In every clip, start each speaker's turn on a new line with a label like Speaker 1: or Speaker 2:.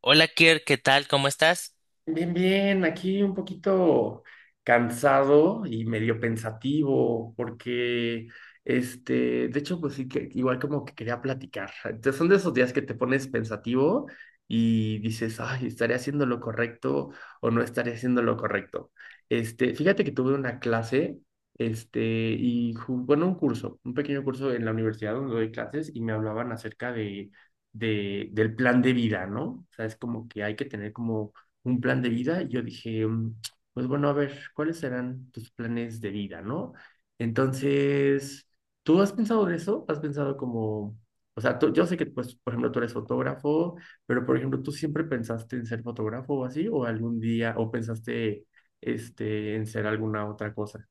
Speaker 1: Hola Kier, ¿qué tal? ¿Cómo estás?
Speaker 2: Bien, bien, aquí un poquito cansado y medio pensativo, porque de hecho, pues sí que igual como que quería platicar. Entonces, son de esos días que te pones pensativo y dices, ay, ¿estaré haciendo lo correcto o no estaré haciendo lo correcto? Fíjate que tuve una clase, y bueno, un pequeño curso en la universidad donde doy clases y me hablaban acerca del plan de vida, ¿no? O sea, es como que hay que tener como un plan de vida, y yo dije, pues bueno, a ver, ¿cuáles serán tus planes de vida, no? Entonces, ¿tú has pensado en eso? ¿Has pensado como, o sea, yo sé que, pues, por ejemplo, tú eres fotógrafo, pero, por ejemplo, ¿tú siempre pensaste en ser fotógrafo o así? ¿O algún día, o pensaste, en ser alguna otra cosa?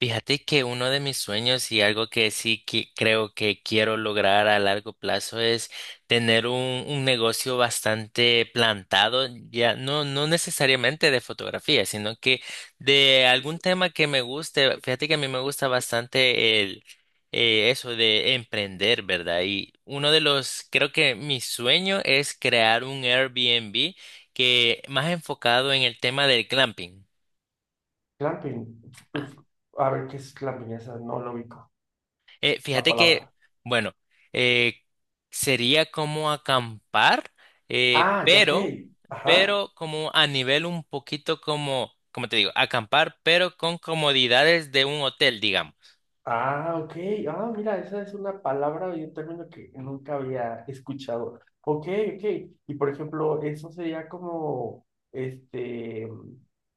Speaker 1: Fíjate que uno de mis sueños y algo que sí que creo que quiero lograr a largo plazo es tener un negocio bastante plantado, ya no necesariamente de fotografía, sino que de algún tema que me guste. Fíjate que a mí me gusta bastante el eso de emprender, ¿verdad? Y uno de los, creo que mi sueño es crear un Airbnb que más enfocado en el tema del glamping.
Speaker 2: Clamping. Uf, a ver, ¿qué es clamping? Esa no lo ubico. La
Speaker 1: Fíjate que,
Speaker 2: palabra.
Speaker 1: bueno, eh, sería como acampar, eh,
Speaker 2: Ah, ya, ok.
Speaker 1: pero,
Speaker 2: Ajá.
Speaker 1: pero como a nivel un poquito como, como te digo, acampar, pero con comodidades de un hotel, digamos.
Speaker 2: Ah, ok. Ah, mira, esa es una palabra y un término que nunca había escuchado. Ok, ok. Y por ejemplo, eso sería como,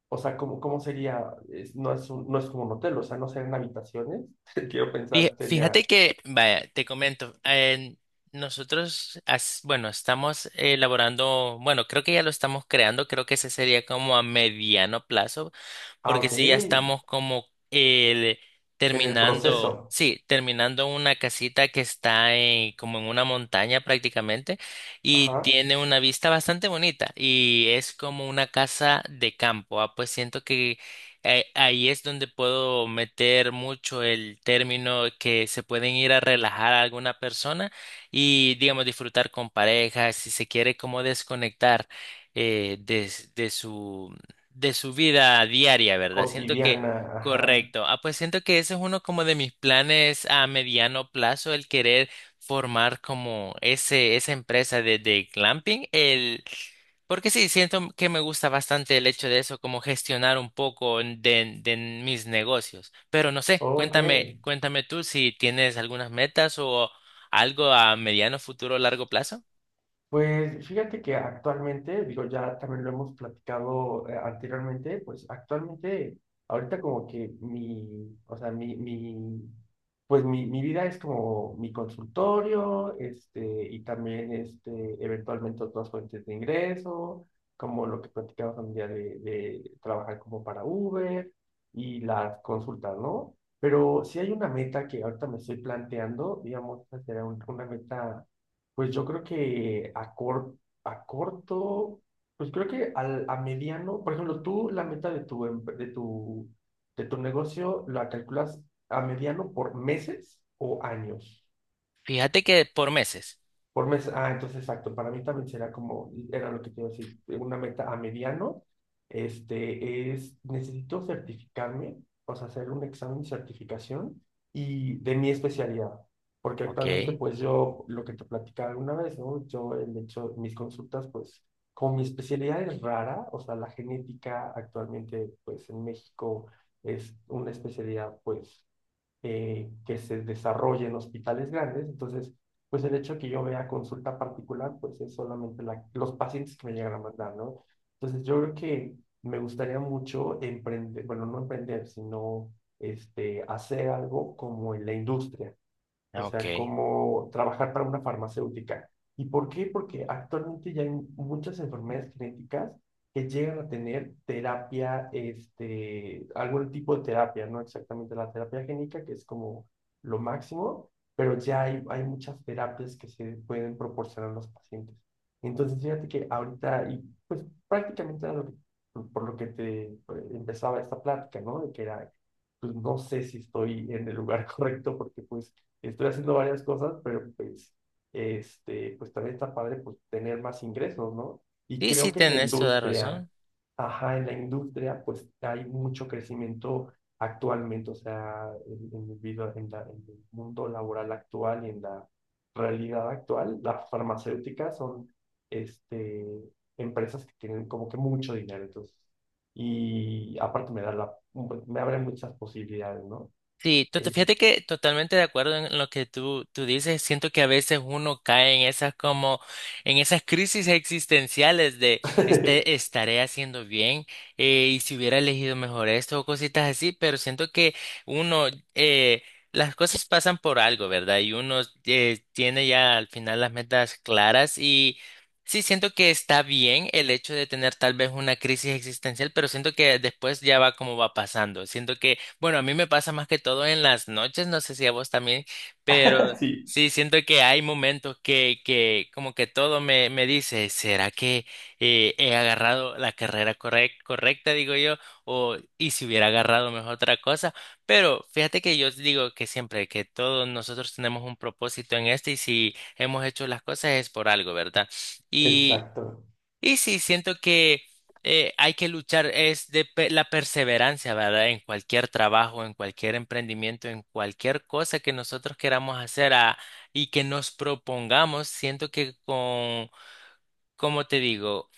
Speaker 2: o sea, como, ¿cómo sería? No es no es como un hotel, o sea, no serían habitaciones. Quiero
Speaker 1: Fí-
Speaker 2: pensar,
Speaker 1: Fíjate
Speaker 2: sería,
Speaker 1: que, vaya, te comento, nosotros, bueno, estamos elaborando, bueno, creo que ya lo estamos creando, creo que ese sería como a mediano plazo,
Speaker 2: ah,
Speaker 1: porque
Speaker 2: ok,
Speaker 1: sí, ya
Speaker 2: en
Speaker 1: estamos como el,
Speaker 2: el
Speaker 1: terminando,
Speaker 2: proceso,
Speaker 1: sí, terminando una casita que está en, como en una montaña prácticamente y
Speaker 2: ajá,
Speaker 1: tiene una vista bastante bonita y es como una casa de campo. Ah, pues siento que ahí es donde puedo meter mucho el término que se pueden ir a relajar a alguna persona y, digamos, disfrutar con pareja, si se quiere como desconectar de su de su vida diaria, ¿verdad? Siento que,
Speaker 2: cotidiana, ajá,
Speaker 1: correcto. Ah, pues siento que ese es uno como de mis planes a mediano plazo, el querer formar como esa empresa de glamping. Porque sí, siento que me gusta bastante el hecho de eso, como gestionar un poco de mis negocios. Pero no sé,
Speaker 2: ok.
Speaker 1: cuéntame, cuéntame tú si tienes algunas metas o algo a mediano, futuro, largo plazo.
Speaker 2: Pues fíjate que actualmente, digo, ya también lo hemos platicado anteriormente, pues actualmente, ahorita como que mi, o sea, pues mi vida es como mi consultorio, y también, eventualmente otras fuentes de ingreso, como lo que platicamos un día de trabajar como para Uber y las consultas, ¿no? Pero si hay una meta que ahorita me estoy planteando, digamos, esa será una meta, pues yo creo que a corto, pues creo que a mediano, por ejemplo, tú la meta de tu, de tu negocio la calculas a mediano por meses o años.
Speaker 1: Fíjate que por meses.
Speaker 2: Por mes, ah, entonces exacto, para mí también será como, era lo que te iba a decir, una meta a mediano, necesito certificarme, o sea, hacer un examen de certificación y de mi especialidad, porque
Speaker 1: Ok,
Speaker 2: actualmente pues yo, lo que te platicaba alguna vez, ¿no? Yo, de hecho, mis consultas pues, como mi especialidad es rara, o sea, la genética actualmente pues en México es una especialidad pues que se desarrolle en hospitales grandes. Entonces, pues el hecho de que yo vea consulta particular, pues es solamente los pacientes que me llegan a mandar, ¿no? Entonces, yo creo que me gustaría mucho emprender, bueno, no emprender, sino hacer algo como en la industria, o sea,
Speaker 1: ok.
Speaker 2: como trabajar para una farmacéutica. ¿Y por qué? Porque actualmente ya hay muchas enfermedades genéticas que llegan a tener terapia, algún tipo de terapia, no exactamente la terapia génica, que es como lo máximo, pero ya hay muchas terapias que se pueden proporcionar a los pacientes. Entonces, fíjate que ahorita, y pues prácticamente era por lo que te empezaba esta plática, ¿no? De que era, pues no sé si estoy en el lugar correcto porque pues estoy haciendo varias cosas, pero pues, pues también está padre pues, tener más ingresos, ¿no? Y
Speaker 1: Sí,
Speaker 2: creo
Speaker 1: sí,
Speaker 2: que en la
Speaker 1: tenés toda
Speaker 2: industria,
Speaker 1: razón.
Speaker 2: ajá, en la industria, pues hay mucho crecimiento actualmente, o sea, en el en el mundo laboral actual y en la realidad actual, las farmacéuticas son, este, empresas que tienen como que mucho dinero, entonces, y aparte me da la, me abre muchas posibilidades, ¿no?
Speaker 1: Sí,
Speaker 2: Es-
Speaker 1: fíjate que totalmente de acuerdo en lo que tú dices. Siento que a veces uno cae en esas como, en esas crisis existenciales de este, estaré haciendo bien. Y si hubiera elegido mejor esto o cositas así, pero siento que uno, eh, las cosas pasan por algo, ¿verdad? Y uno tiene ya al final las metas claras y sí siento que está bien el hecho de tener tal vez una crisis existencial, pero siento que después ya va como va pasando. Siento que bueno, a mí me pasa más que todo en las noches, no sé si a vos también, pero
Speaker 2: Sí.
Speaker 1: sí siento que hay momentos que como que todo me dice, ¿será que he agarrado la carrera correcta, digo yo? O, y si hubiera agarrado mejor otra cosa. Pero fíjate que yo digo que siempre, que todos nosotros tenemos un propósito en este y si hemos hecho las cosas es por algo, ¿verdad?
Speaker 2: Exacto.
Speaker 1: Y sí, siento que hay que luchar, es de la perseverancia, ¿verdad? En cualquier trabajo, en cualquier emprendimiento, en cualquier cosa que nosotros queramos hacer y que nos propongamos, siento que con, como te digo,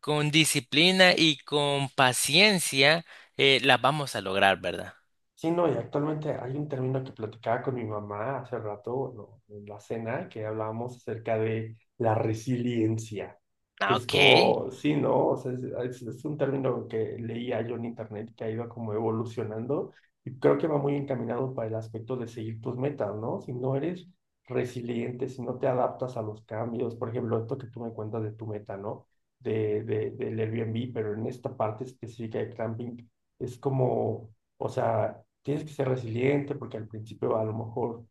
Speaker 1: con disciplina y con paciencia, las vamos a lograr, ¿verdad?
Speaker 2: Sí, no, y actualmente hay un término que platicaba con mi mamá hace rato, ¿no? En la cena, que hablábamos acerca de la resiliencia, que
Speaker 1: Ah,
Speaker 2: es
Speaker 1: ok.
Speaker 2: como, sí, ¿no? O sea, es un término que leía yo en internet que ha ido como evolucionando y creo que va muy encaminado para el aspecto de seguir tus metas, ¿no? Si no eres resiliente, si no te adaptas a los cambios, por ejemplo, esto que tú me cuentas de tu meta, ¿no? Del Airbnb, pero en esta parte específica de camping, es como. O sea, tienes que ser resiliente porque al principio a lo mejor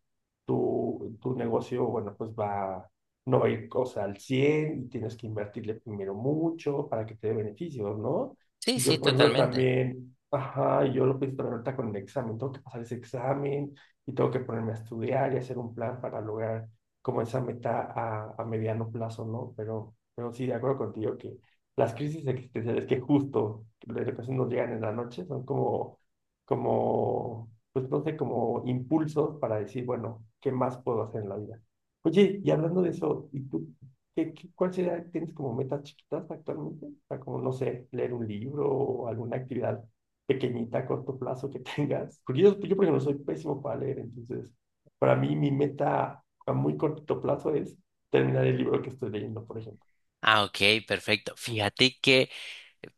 Speaker 2: tu negocio, bueno, pues va, no va a ir, o sea, al 100 y tienes que invertirle primero mucho para que te dé beneficios, ¿no?
Speaker 1: Sí,
Speaker 2: Y yo,
Speaker 1: sí,
Speaker 2: por ejemplo,
Speaker 1: totalmente.
Speaker 2: también, ajá, y yo lo pienso también ahorita con el examen, tengo que pasar ese examen y tengo que ponerme a estudiar y hacer un plan para lograr como esa meta a mediano plazo, ¿no? Pero sí, de acuerdo contigo que las crisis existenciales que justo de repente nos llegan en la noche son como, pues no sé, como impulsos para decir, bueno, ¿qué más puedo hacer en la vida? Oye, y hablando de eso, ¿y tú cuál sería, tienes como metas chiquitas actualmente? O sea, como, no sé, leer un libro o alguna actividad pequeñita a corto plazo que tengas. Porque yo por ejemplo, soy pésimo para leer, entonces, para mí mi meta a muy corto plazo es terminar el libro que estoy leyendo, por ejemplo.
Speaker 1: Ah, ok, perfecto. Fíjate que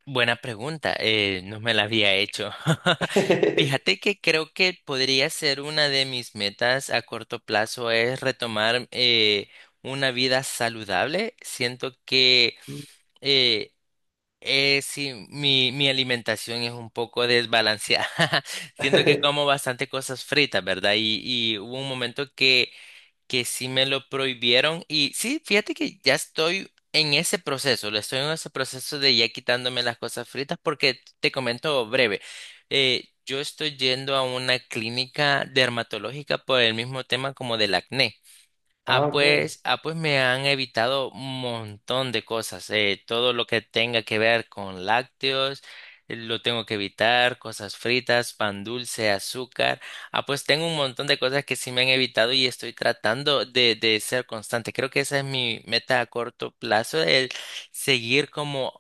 Speaker 1: buena pregunta, no me la había hecho. Fíjate que creo que podría ser una de mis metas a corto plazo es retomar una vida saludable. Siento que
Speaker 2: Mm,
Speaker 1: eh, sí, mi alimentación es un poco desbalanceada. Siento que como bastante cosas fritas, ¿verdad? Y hubo un momento que sí me lo prohibieron y sí, fíjate que ya estoy en ese proceso, le estoy en ese proceso de ya quitándome las cosas fritas porque te comento breve, yo estoy yendo a una clínica dermatológica por el mismo tema como del acné.
Speaker 2: ah, ok.
Speaker 1: Ah, pues me han evitado un montón de cosas. Todo lo que tenga que ver con lácteos, lo tengo que evitar, cosas fritas, pan dulce, azúcar. Ah, pues tengo un montón de cosas que sí me han evitado y estoy tratando de ser constante. Creo que esa es mi meta a corto plazo, el seguir como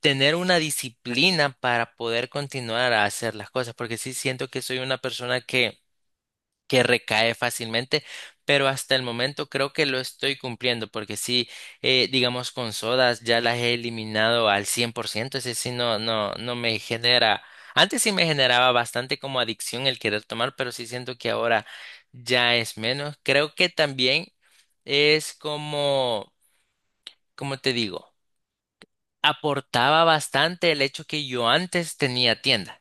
Speaker 1: tener una disciplina para poder continuar a hacer las cosas, porque sí siento que soy una persona que recae fácilmente, pero hasta el momento creo que lo estoy cumpliendo, porque sí, digamos con sodas ya las he eliminado al 100%, ese sí no me genera, antes sí me generaba bastante como adicción el querer tomar, pero sí siento que ahora ya es menos. Creo que también es como, como te digo, aportaba bastante el hecho que yo antes tenía tienda.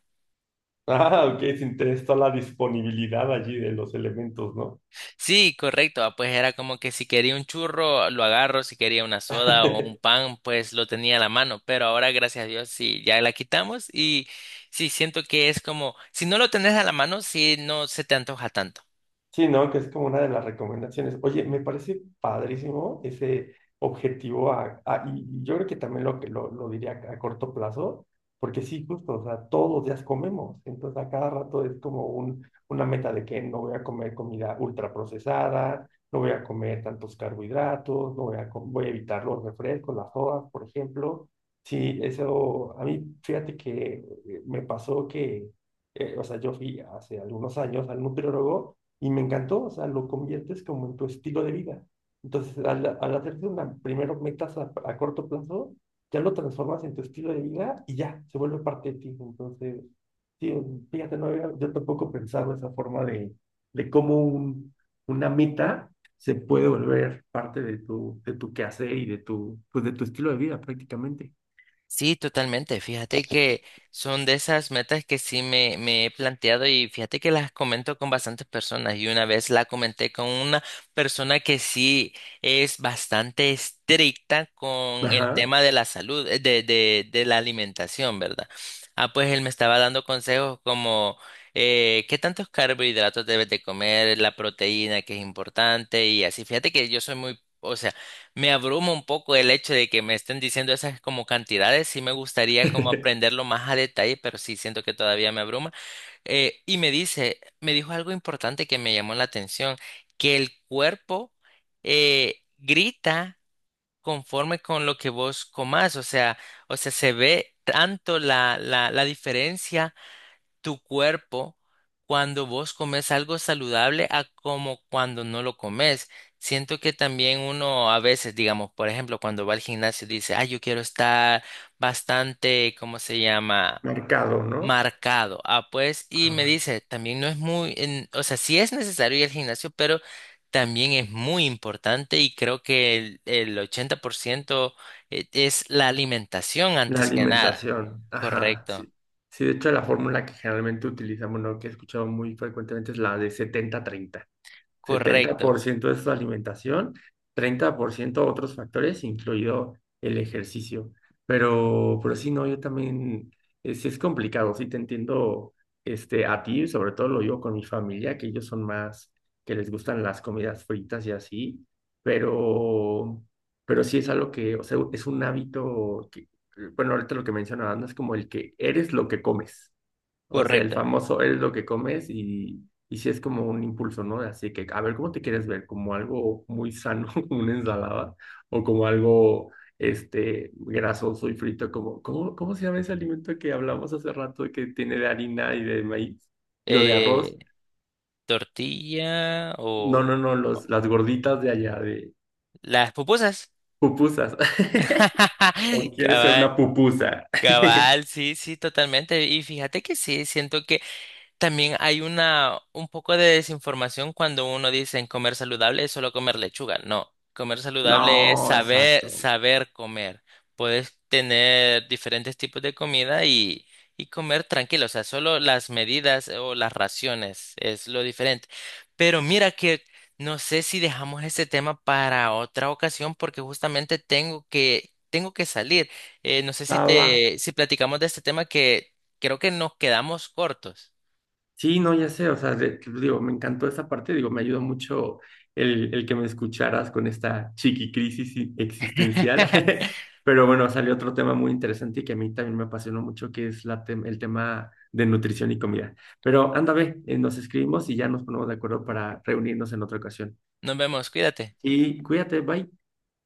Speaker 2: Ah, ok, se interesa la disponibilidad allí de los elementos, ¿no?
Speaker 1: Sí, correcto. Pues era como que si quería un churro, lo agarro, si quería una soda o un pan, pues lo tenía a la mano. Pero ahora, gracias a Dios, sí, ya la quitamos y sí, siento que es como, si no lo tenés a la mano, sí, no se te antoja tanto.
Speaker 2: Sí, ¿no? Que es como una de las recomendaciones. Oye, me parece padrísimo ese objetivo y yo creo que también lo diría a corto plazo, porque sí, justo, o sea, todos los días comemos, entonces a cada rato es como un, una meta de que no voy a comer comida ultraprocesada, no voy a comer tantos carbohidratos, no voy a, com- voy a evitar los refrescos, las sodas, por ejemplo. Sí, eso, a mí, fíjate que me pasó que, o sea, yo fui hace algunos años al nutriólogo, y me encantó, o sea, lo conviertes como en tu estilo de vida. Entonces, al hacerte una, primero metas a corto plazo, ya lo transformas en tu estilo de vida y ya, se vuelve parte de ti. Entonces, sí, fíjate, yo tampoco pensaba esa forma de cómo un, una meta se puede volver parte de tu, quehacer y pues de tu estilo de vida prácticamente.
Speaker 1: Sí, totalmente. Fíjate que son de esas metas que sí me he planteado y fíjate que las comento con bastantes personas y una vez la comenté con una persona que sí es bastante estricta con el
Speaker 2: Ajá.
Speaker 1: tema de la salud, de la alimentación, ¿verdad? Ah, pues él me estaba dando consejos como qué tantos carbohidratos debes de comer, la proteína que es importante y así. Fíjate que yo soy muy... O sea, me abruma un poco el hecho de que me estén diciendo esas como cantidades, sí me gustaría como aprenderlo más a detalle, pero sí siento que todavía me abruma. Y me dice, me dijo algo importante que me llamó la atención, que el cuerpo grita conforme con lo que vos comás, o sea, se ve tanto la diferencia tu cuerpo cuando vos comes algo saludable a como cuando no lo comes. Siento que también uno a veces, digamos, por ejemplo, cuando va al gimnasio dice, ah, yo quiero estar bastante, ¿cómo se llama?
Speaker 2: Mercado, ¿no?
Speaker 1: Marcado. Ah, pues, y me
Speaker 2: Ajá.
Speaker 1: dice, también no es muy, o sea, sí es necesario ir al gimnasio, pero también es muy importante y creo que el 80% es la alimentación
Speaker 2: La
Speaker 1: antes que nada.
Speaker 2: alimentación, ajá.
Speaker 1: Correcto,
Speaker 2: Sí, sí, de hecho la fórmula que generalmente utilizamos, ¿no? Que he escuchado muy frecuentemente es la de 70 treinta, setenta
Speaker 1: correcto,
Speaker 2: por ciento es su alimentación, 30% otros factores, incluido el ejercicio. Pero sí, no, yo también, es complicado, sí te entiendo, a ti, sobre todo lo digo con mi familia, que ellos son más, que les gustan las comidas fritas y así, pero, pero sí es algo que, o sea, es un hábito que, bueno, ahorita lo que mencionaban es como el que eres lo que comes. O sea, el
Speaker 1: correcto.
Speaker 2: famoso eres lo que comes y sí es como un impulso, ¿no? Así que, a ver, ¿cómo te quieres ver? ¿Como algo muy sano, como una ensalada? ¿O como algo, grasoso y frito? Como, cómo se llama ese alimento que hablamos hace rato que tiene de harina y de maíz? Digo, de
Speaker 1: Eh,
Speaker 2: arroz.
Speaker 1: Tortilla
Speaker 2: No,
Speaker 1: o
Speaker 2: no, no, las gorditas de allá, de
Speaker 1: las pupusas.
Speaker 2: pupusas. ¿O quieres ser
Speaker 1: Cabal,
Speaker 2: una pupusa?
Speaker 1: cabal, sí, sí, totalmente. Y fíjate que sí, siento que también hay una, un poco de desinformación cuando uno dice en comer saludable es solo comer lechuga. No, comer saludable es
Speaker 2: No,
Speaker 1: saber,
Speaker 2: exacto.
Speaker 1: saber comer. Puedes tener diferentes tipos de comida y comer tranquilo. O sea, solo las medidas o las raciones es lo diferente. Pero mira que no sé si dejamos ese tema para otra ocasión porque justamente tengo que salir. No sé si
Speaker 2: Ah, va.
Speaker 1: te, si platicamos de este tema que creo que nos quedamos cortos.
Speaker 2: Sí, no, ya sé, o sea, digo, me encantó esa parte, digo, me ayudó mucho el que me escucharas con esta chiqui crisis existencial, pero bueno, salió otro tema muy interesante y que a mí también me apasionó mucho, que es el tema de nutrición y comida. Pero anda, ve, nos escribimos y ya nos ponemos de acuerdo para reunirnos en otra ocasión.
Speaker 1: Nos vemos, cuídate.
Speaker 2: Y cuídate, bye.